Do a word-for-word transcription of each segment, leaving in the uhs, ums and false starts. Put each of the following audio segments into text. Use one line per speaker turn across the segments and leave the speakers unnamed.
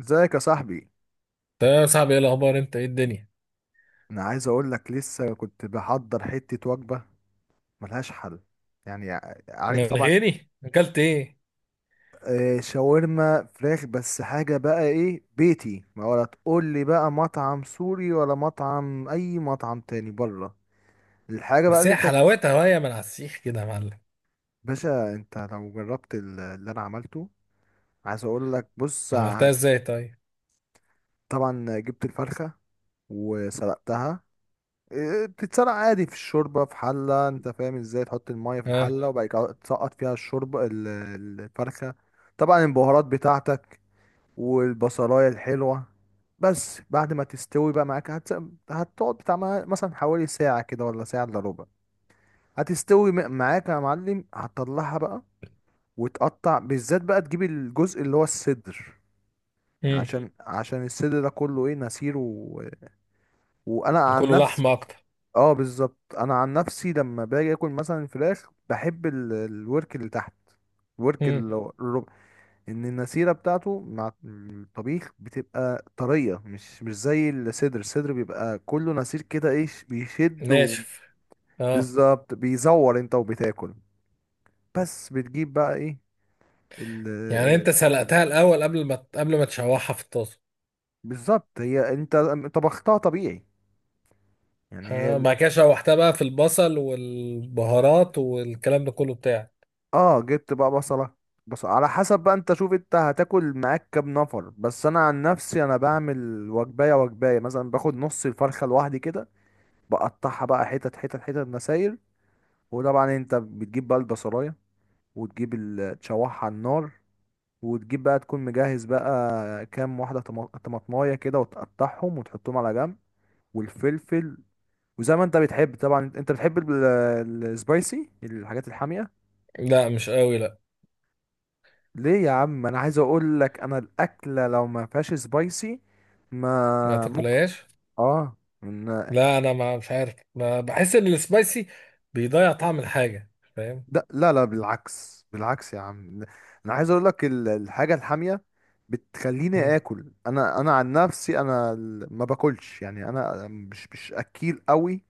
ازيك يا صاحبي؟
ده يا صاحبي، ايه الاخبار، انت ايه الدنيا؟
انا عايز اقول لك، لسه كنت بحضر حتة وجبة ملهاش حل. يعني، ع- عارف
من
طبعا.
غيري اكلت ايه؟
آه، شاورما فراخ. بس حاجة بقى ايه؟ بيتي. ما ولا تقول لي بقى مطعم سوري ولا مطعم اي مطعم تاني بره. الحاجة بقى
بس
اللي
هي
انت،
حلاوتها وهي من على السيخ كده يا معلم.
باشا انت لو جربت ال- اللي انا عملته. عايز اقول لك بص ع-
عملتها ازاي طيب؟
طبعا جبت الفرخة وسلقتها. إيه، بتتسرق عادي في الشوربة في حلة. انت فاهم ازاي؟ تحط المية في
اه.
الحلة وبعد كده تسقط فيها الشوربة ال- الفرخة. طبعا البهارات بتاعتك، والبصلاية الحلوة. بس بعد ما تستوي بقى معاك هتس... هتقعد بتاع ما- مثلا حوالي ساعة كده ولا ساعة الا ربع. هتستوي م- معاك يا معلم. هتطلعها بقى، وتقطع بالذات بقى، تجيب الجزء اللي هو الصدر. يعني مم.
امم.
عشان عشان الصدر ده كله ايه، نسير و... وانا عن
كله
نفسي.
لحمه اكتر.
اه بالظبط، انا عن نفسي لما باجي اكل مثلا فراخ بحب ال- الورك اللي تحت، الورك
امم.
اللي هو الربع. ان النسيره بتاعته مع الطبيخ بتبقى طريه، مش مش زي الصدر. الصدر بيبقى كله نسير كده، ايه، ش- بيشد و-
ناشف. اه.
بالظبط، بيزور انت وبتاكل. بس بتجيب بقى ايه، ال
يعني انت سلقتها الاول قبل ما قبل ما تشوحها في الطاسه؟
بالظبط. هي انت طبختها طبيعي، يعني
اه،
هي.
بعد كده شوحتها بقى في البصل والبهارات والكلام ده كله بتاعك.
اه جبت بقى بصلة، بس على حسب بقى، انت شوف انت هتاكل معاك كام نفر. بس انا عن نفسي، انا بعمل وجباية وجباية مثلا، باخد نص الفرخة لوحدي كده. بقطعها بقى حتت حتت حتت مسايل. وطبعا انت بتجيب بقى البصلاية، وتجيب ال- تشوحها على النار. وتجيب بقى، تكون مجهز بقى كام واحدة طما- طماطماية كده، وتقطعهم وتحطهم على جنب، والفلفل. وزي ما انت بتحب، طبعا انت بتحب السبايسي، الحاجات الحامية.
لا، مش قوي، لا.
ليه يا عم؟ انا عايز اقول لك انا الاكله لو ما فيهاش سبايسي
ما
ما ممكن.
تاكلهاش.
اه. إن...
لا انا ما مش عارف، ما بحس ان السبايسي بيضيع طعم الحاجه، فاهم؟
ده... لا لا، بالعكس بالعكس يا عم. انا عايز اقول لك ال- الحاجه الحاميه بتخليني اكل. انا انا عن نفسي، انا ال- ما باكلش، يعني انا مش مش اكيل قوي.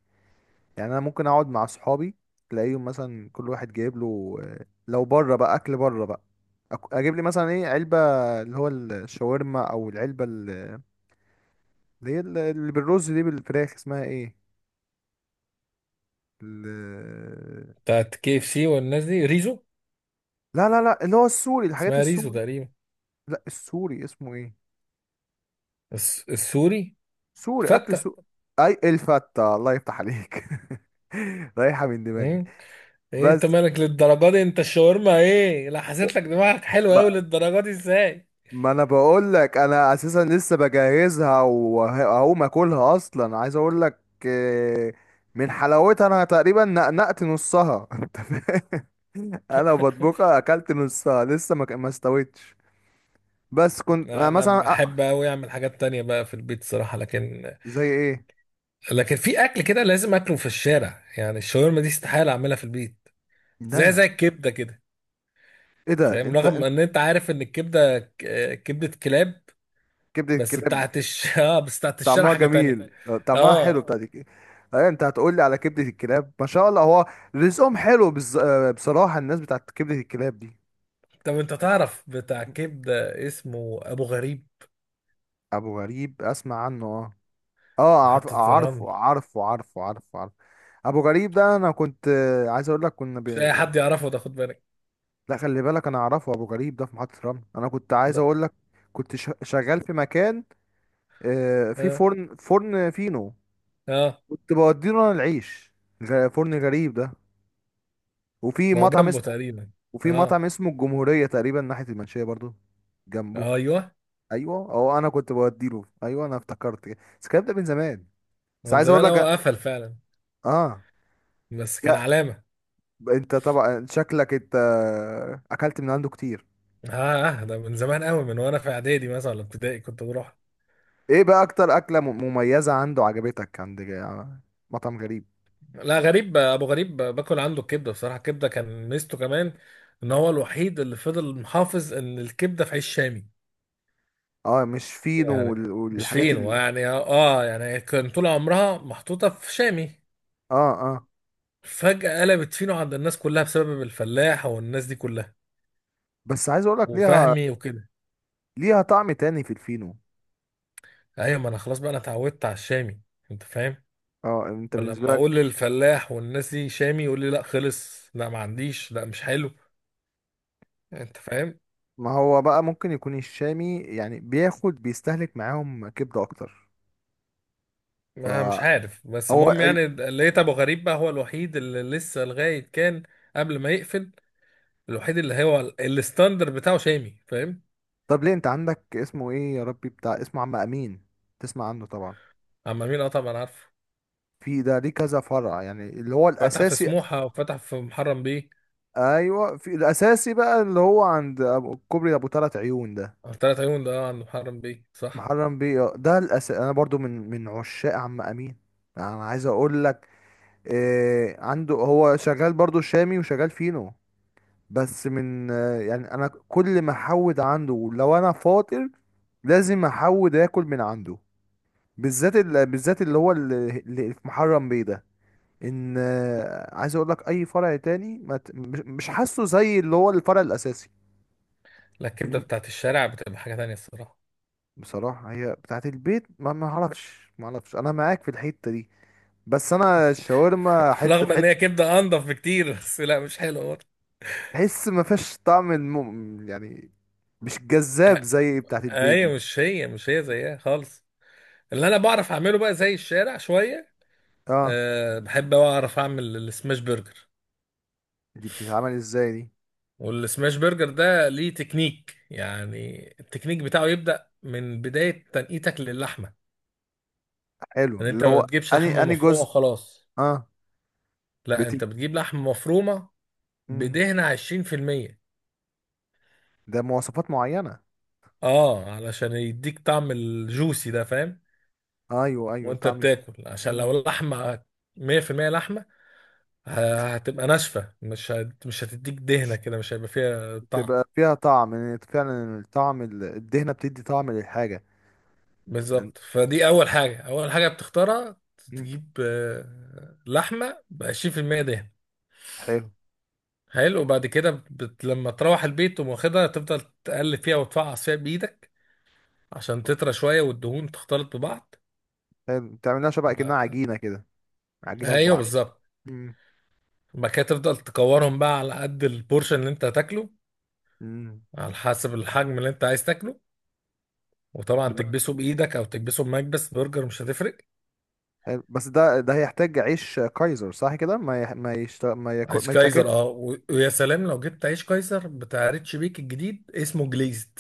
يعني انا ممكن اقعد مع اصحابي، تلاقيهم مثلا كل واحد جايب له، آه، لو بره بقى اكل بره بقى. أك- اجيب لي مثلا ايه، علبه اللي هو الشاورما، او العلبه اللي هي ال- اللي بالرز دي، بالفراخ، اسمها ايه، ال...
بتاعت كي اف سي والناس دي ريزو.
لا لا لا، اللي هو السوري، الحاجات
اسمها ريزو
السوري.
تقريبا.
لا، السوري اسمه ايه؟
الس- السوري.
سوري، اكل
فتة.
سوري. اي الفتة، الله يفتح عليك رايحة من دماغي.
مم. ايه انت
بس
مالك للدرجه دي؟ انت الشاورما ايه؟ لا حسيت لك دماغك حلوه قوي
ب...
للدرجه دي ازاي؟
ما انا بقول لك انا اساسا لسه بجهزها، وهقوم اكلها اصلا. عايز اقول لك، آه، من حلاوتها انا تقريبا نقنقت نصها انت فاهم؟ انا بطبخها، اكلت نصها لسه ما ك- ما استويتش. بس كنت
لا،
أنا
انا
مثلا.
بحب قوي اعمل حاجات تانية بقى في البيت صراحة، لكن
زي ايه؟
لكن في اكل كده لازم اكله في الشارع، يعني الشاورما دي استحالة اعملها في البيت.
لا
زي
يا عم.
زي الكبدة كده،
ايه ده؟
فاهم؟
انت
رغم
انت
ان انت عارف ان الكبدة ك- كبدة كلاب،
كبدة
بس
الكلاب.
بتاعت الش... اه بس بتاعت الشارع
طعمها
حاجة تانية.
جميل، طعمها حلو
اه.
بتاع دي. ايه، انت هتقول لي على كبدة الكلاب؟ ما شاء الله، هو رزقهم حلو. بز... آه، بصراحة الناس بتاعت كبدة الكلاب دي.
طب انت تعرف بتاع كبده اسمه ابو غريب؟
ابو غريب، اسمع عنه اه. اه عارف،
محطه الرمل.
عارفه عارفه عارفه عارفه عارفه. ابو غريب ده انا كنت، آه، عايز اقول لك كنا بي...
مش اي
يعني.
حد يعرفه ده، خد بالك.
لا، خلي بالك انا اعرفه، ابو غريب ده في محطة رمل. انا كنت عايز
لا.
اقول لك كنت ش... شغال في مكان، آه، في
اه.
فرن فرن فينو.
اه.
كنت بوديله انا العيش، غ- فرن غريب ده. وفي
هو
مطعم
جنبه
اسمه
تقريبا.
وفي مطعم
اه.
اسمه الجمهورية تقريبا ناحية المنشية، برضو جنبه.
ايوه.
ايوه، اه انا كنت بوديله، ايوه انا افتكرت كده. بس الكلام ده من زمان.
هو
بس
من
عايز اقول
زمان
لك،
قوي قفل فعلا،
اه،
بس كان
لا
علامه.
انت طبعا شكلك انت اكلت من عنده كتير.
اه. اه، ده من زمان قوي، من وانا في اعدادي مثلا ولا ابتدائي كنت بروح.
ايه بقى اكتر اكلة م- مميزة عنده عجبتك عند، جا- مطعم غريب؟
لا غريب، ابو غريب باكل عنده الكبده بصراحه. الكبده كان ميزته كمان ان هو الوحيد اللي فضل محافظ ان الكبده في عيش شامي.
اه، مش فينو
يعني
وال-
مش
والحاجات
فين
ال...
يعني، اه يعني كان طول عمرها محطوطه في شامي.
اه اه.
فجأة قلبت فينو عند الناس كلها بسبب الفلاح والناس دي كلها،
بس عايز اقول لك ليها،
وفهمي وكده.
ليها طعم تاني في الفينو.
ايوه ما انا خلاص بقى انا اتعودت على الشامي، انت فاهم؟
اه، انت
ولما
بالنسبة لك،
اقول للفلاح والناس دي شامي يقول لي لا خلص، لا ما عنديش، لا مش حلو، انت فاهم؟
ما هو بقى ممكن يكون الشامي يعني بياخد، بيستهلك معاهم كبدة أكتر.
ما مش
فهو
عارف، بس المهم
ال...
يعني لقيت ابو غريب بقى هو الوحيد اللي لسه لغاية كان قبل ما يقفل، الوحيد اللي هو ال- الستاندر بتاعه شامي، فاهم؟
طب ليه، أنت عندك اسمه إيه يا ربي، بتاع اسمه عم أمين، تسمع عنه طبعا.
عم مين؟ اه طبعا عارفه.
في ده ليه كذا فرع، يعني اللي هو
فتح في
الأساسي.
سموحة وفتح في محرم بيه.
أيوه، في الأساسي بقى اللي هو عند أبو- كوبري أبو تلات عيون ده،
ثلاث عيون ده، اه عند محرم بيه صح.
محرم بيه، آه، ده الأساسي. أنا برضو من من عشاق عم أمين. أنا عايز أقول لك إيه، عنده هو شغال برضو شامي وشغال فينو. بس من آه، يعني انا كل ما احود عنده لو انا فاطر لازم احود اكل من عنده. بالذات ال... بالذات اللي هو اللي اللي في محرم بيه ده. ان آه، عايز اقول لك اي فرع تاني ما ت... مش مش حاسه زي اللي هو الفرع الاساسي.
لا الكبده
إن-
بتاعت الشارع بتبقى حاجه تانية الصراحه.
بصراحة هي بتاعت البيت، ما ما اعرفش ما اعرفش، انا معاك في الحتة دي. بس انا الشاورما حتة في
رغم ان هي
حتة.
كبده انضف بكتير، بس لا مش حلوه برضه.
تحس ما فيهاش طعم الم... يعني مش جذاب زي بتاعت البيت
ايوه
دي.
مش هي، مش هي زيها خالص. اللي انا بعرف اعمله بقى زي الشارع شويه.
اه،
أه بحب أوي اعرف اعمل السماش برجر.
دي بتتعمل ازاي دي؟
والسماش برجر ده ليه تكنيك، يعني التكنيك بتاعه يبدا من بدايه تنقيتك للحمه.
حلو.
ان
اللي
انت ما
هو
بتجيبش
اني
لحمه
اني
مفرومه
جزء.
وخلاص.
اه
لا
بت
انت بتجيب لحمه مفرومه
مم.
بدهن عشرين في المية.
ده مواصفات معينة.
اه علشان يديك طعم الجوسي ده، فاهم؟
ايوه ايوه،
وانت
طعم يخ-
بتاكل، عشان
مم.
لو لحمه مية في المية لحمه، ه- هتبقى ناشفه، مش هت... مش هتديك
مش
دهنه كده، مش هيبقى فيها
مش
طعم.
تبقى فيها طعم. إن فعلا الطعم، ال- الدهنة، بتدي طعم للحاجة. يعني-
بالظبط، فدي اول حاجه، اول حاجه بتختارها،
مم.
تجيب آه، لحمه ب عشرين في المية دهن.
حلو،
حلو. وبعد كده بت... لما تروح البيت تقوم واخدها، تفضل تقلب فيها وتفعص فيها بايدك عشان تطرى شويه والدهون تختلط ببعض.
حلو بتعملها شبه كأنها عجينة كده، عجينة في
ايوه
بعض، أيوة.
بالظبط.
مم.
بعد كده تفضل تكورهم بقى على قد البورشن اللي انت هتاكله،
مم.
على حسب الحجم اللي انت عايز تاكله. وطبعا
ده بقى- تمام.
تكبسه بايدك او تكبسه بمكبس برجر، مش هتفرق.
حلو. بس ده ده هيحتاج عيش كايزر صح كده، ما يح... ما يشت... ما يكو...
عيش
ما يتاكل.
كايزر، اه، و- ويا سلام لو جبت عيش كايزر بتاع ريتش بيك الجديد، اسمه جليزد.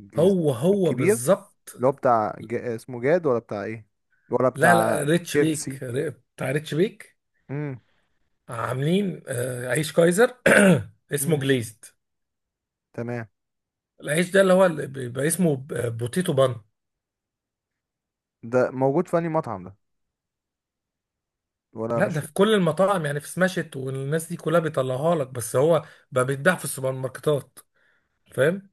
جيز-
هو هو
الكبير
بالظبط.
اللي هو بتاع ج... اسمه جاد، ولا بتاع ايه، ولا
لا لا
بتاع
ريتش
كيف
بيك،
سي.
ر- بتاع ريتش بيك.
مم.
عاملين آه، عيش كايزر اسمه
مم.
جليزد.
تمام.
العيش ده اللي هو اللي بيبقى اسمه ب- بوتيتو بان.
ده موجود في أنهي مطعم ده؟ ولا
لا ده
مش.
في كل المطاعم، يعني في سماشت والناس دي كلها بيطلعوها لك، بس هو بقى بيتباع في السوبر ماركتات، فاهم؟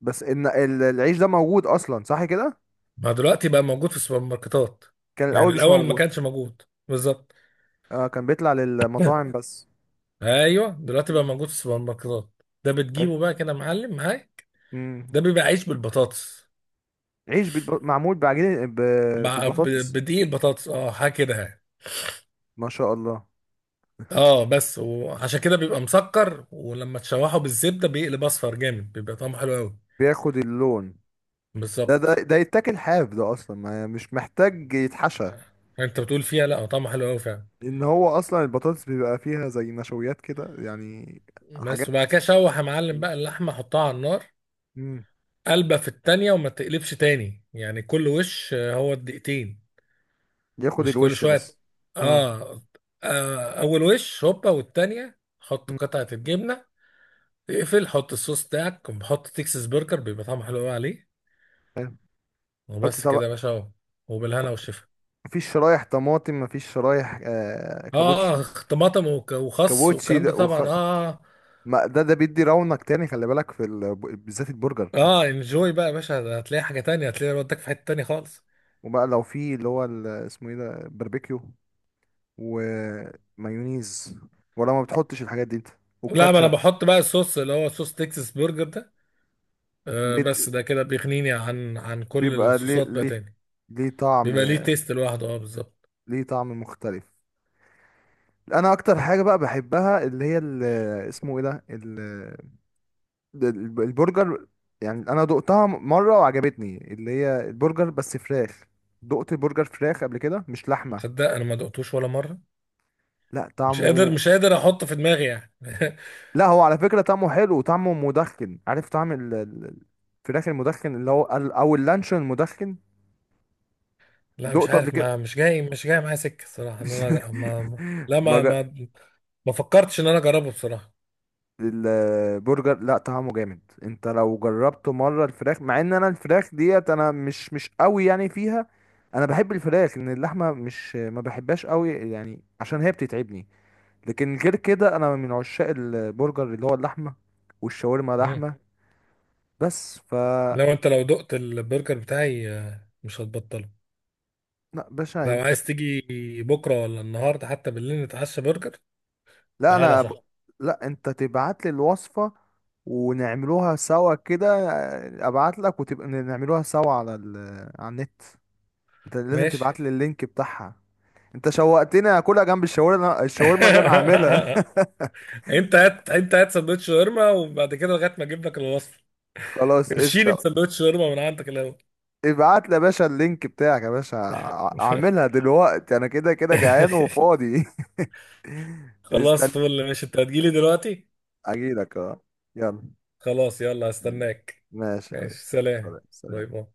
بس ان ال- العيش ده موجود اصلا صح كده.
ما دلوقتي بقى موجود في السوبر ماركتات،
كان
يعني
الاول مش
الاول ما
موجود.
كانش موجود. بالظبط.
اه، كان بيطلع للمطاعم بس.
ايوه دلوقتي بقى
مم.
موجود في السوبر ماركتات. ده
ايه؟
بتجيبه بقى كده معلم معاك.
امم.
ده بيبقى عيش بالبطاطس.
عيش بالب... معمول بعجينه ب...
مع ب-
بالبطاطس.
بدقيق البطاطس، اه حاجه كده يعني.
ما شاء الله،
اه بس، وعشان كده بيبقى مسكر، ولما تشوحه بالزبده بيقلب اصفر جامد، بيبقى طعمه حلو قوي.
بياخد اللون. ده ده
بالظبط.
ده يتاكل حاف ده اصلا، ما يعني مش محتاج يتحشى.
آه. انت بتقول فيها؟ لا هو طعمه حلو قوي فعلا.
ان هو اصلا البطاطس بيبقى فيها زي نشويات كده، يعني
بس
حاجات.
وبعد كده شوح يا معلم بقى اللحمه، حطها على النار
امم.
قلبة في التانية، وما تقلبش تاني، يعني كل وش آه، هو الدقيقتين،
ياخد
مش كل
الوش
شوية.
بس. اه.
آه. آه أول وش هوبا، والتانية حط
مم.
قطعة الجبنة، اقفل، حط الصوص بتاعك، حط تكساس برجر، بيبقى طعمه حلو قوي عليه.
حلو. حطي
وبس كده
طبق.
يا باشا، اهو. وبالهنا والشفا.
مفيش شرايح طماطم؟ مفيش شرايح، آه،
اه.
كابوتشي.
آه، طماطم وك- وخس
كابوتشي
والكلام
ده
ده
وخ...
طبعا، اه.
ما ده ده بيدي رونق تاني، خلي بالك في ال... بالذات البرجر.
اه انجوي بقى يا باشا، ده هتلاقي حاجة تانية، هتلاقي ودك في حتة تانية خالص.
وبقى لو في اللي هو ال... اسمه ايه ده، باربيكيو ومايونيز، ولا ما بتحطش الحاجات دي انت؟
لا ما انا
والكاتشب.
بحط بقى الصوص اللي هو صوص تكساس برجر ده، آه
بيت...
بس ده كده بيغنيني عن عن كل
بيبقى ليه
الصوصات بقى
ليه
تاني.
ليه طعم،
بيبقى ليه تيست لوحده، اه بالظبط.
ليه طعم مختلف. انا اكتر حاجه بقى بحبها اللي هي ال... اسمه ايه ده، ده الب- البرجر. يعني انا دقتها م- مره وعجبتني، اللي هي البرجر بس فراخ. دقت برجر فراخ قبل كده مش لحمه.
تصدق انا ما دقتوش ولا مره،
لا،
مش قادر
طعمه.
مش قادر احطه في دماغي يعني.
لا هو على فكره طعمه حلو، وطعمه مدخن. عارف طعم ال- ال- ال- الفراخ المدخن، اللي هو ال- او اللانشون المدخن.
لا مش
دقته قبل
عارف،
كده
ما مش جاي، مش جاي معايا سكه الصراحه، ان انا ما ما-
مش
لا ما
ما
ما ما فكرتش ان انا اجربه بصراحه.
البرجر لا طعمه جامد، انت لو جربته مره الفراخ، مع ان انا الفراخ ديت انا مش مش قوي يعني فيها. انا بحب الفراخ، ان اللحمه مش ما بحبهاش قوي يعني، عشان هي بتتعبني. لكن غير كده انا من عشاق البرجر اللي هو اللحمه، والشاورما
مم.
لحمه. بس ف
لو انت لو دقت البرجر بتاعي آه، مش هتبطله.
لا باشا
لو
انت.
عايز تيجي بكره ولا النهارده، حتى بالليل نتعشى برجر،
لا
تعالى
انا ب...
صح؟
لا انت تبعت لي الوصفه، ونعملوها سوا كده. ابعت لك وتبقى نعملوها سوا على ال... على النت. انت لازم
ماشي.
تبعت لي اللينك بتاعها. انت شوقتني اكلها جنب الشاورما، الشاورما اللي انا عاملها.
انت هات، انت هات سندوتش شاورما، وبعد كده لغايه ما اجيب لك الوصفه.
خلاص
ارشيني
قشطه.
بسندوتش شاورما من عندك الاول.
ابعت لي يا باشا اللينك بتاعك يا باشا. ع- اعملها دلوقتي، انا كده كده جعان وفاضي.
خلاص
استنى.
فل، ماشي. انت هتجيلي دلوقتي؟
اجيلك اه. يلا.
خلاص يلا، هستناك.
ماشي يا
ماشي
ريس،
سلام.
سلام
باي
سلام.
باي.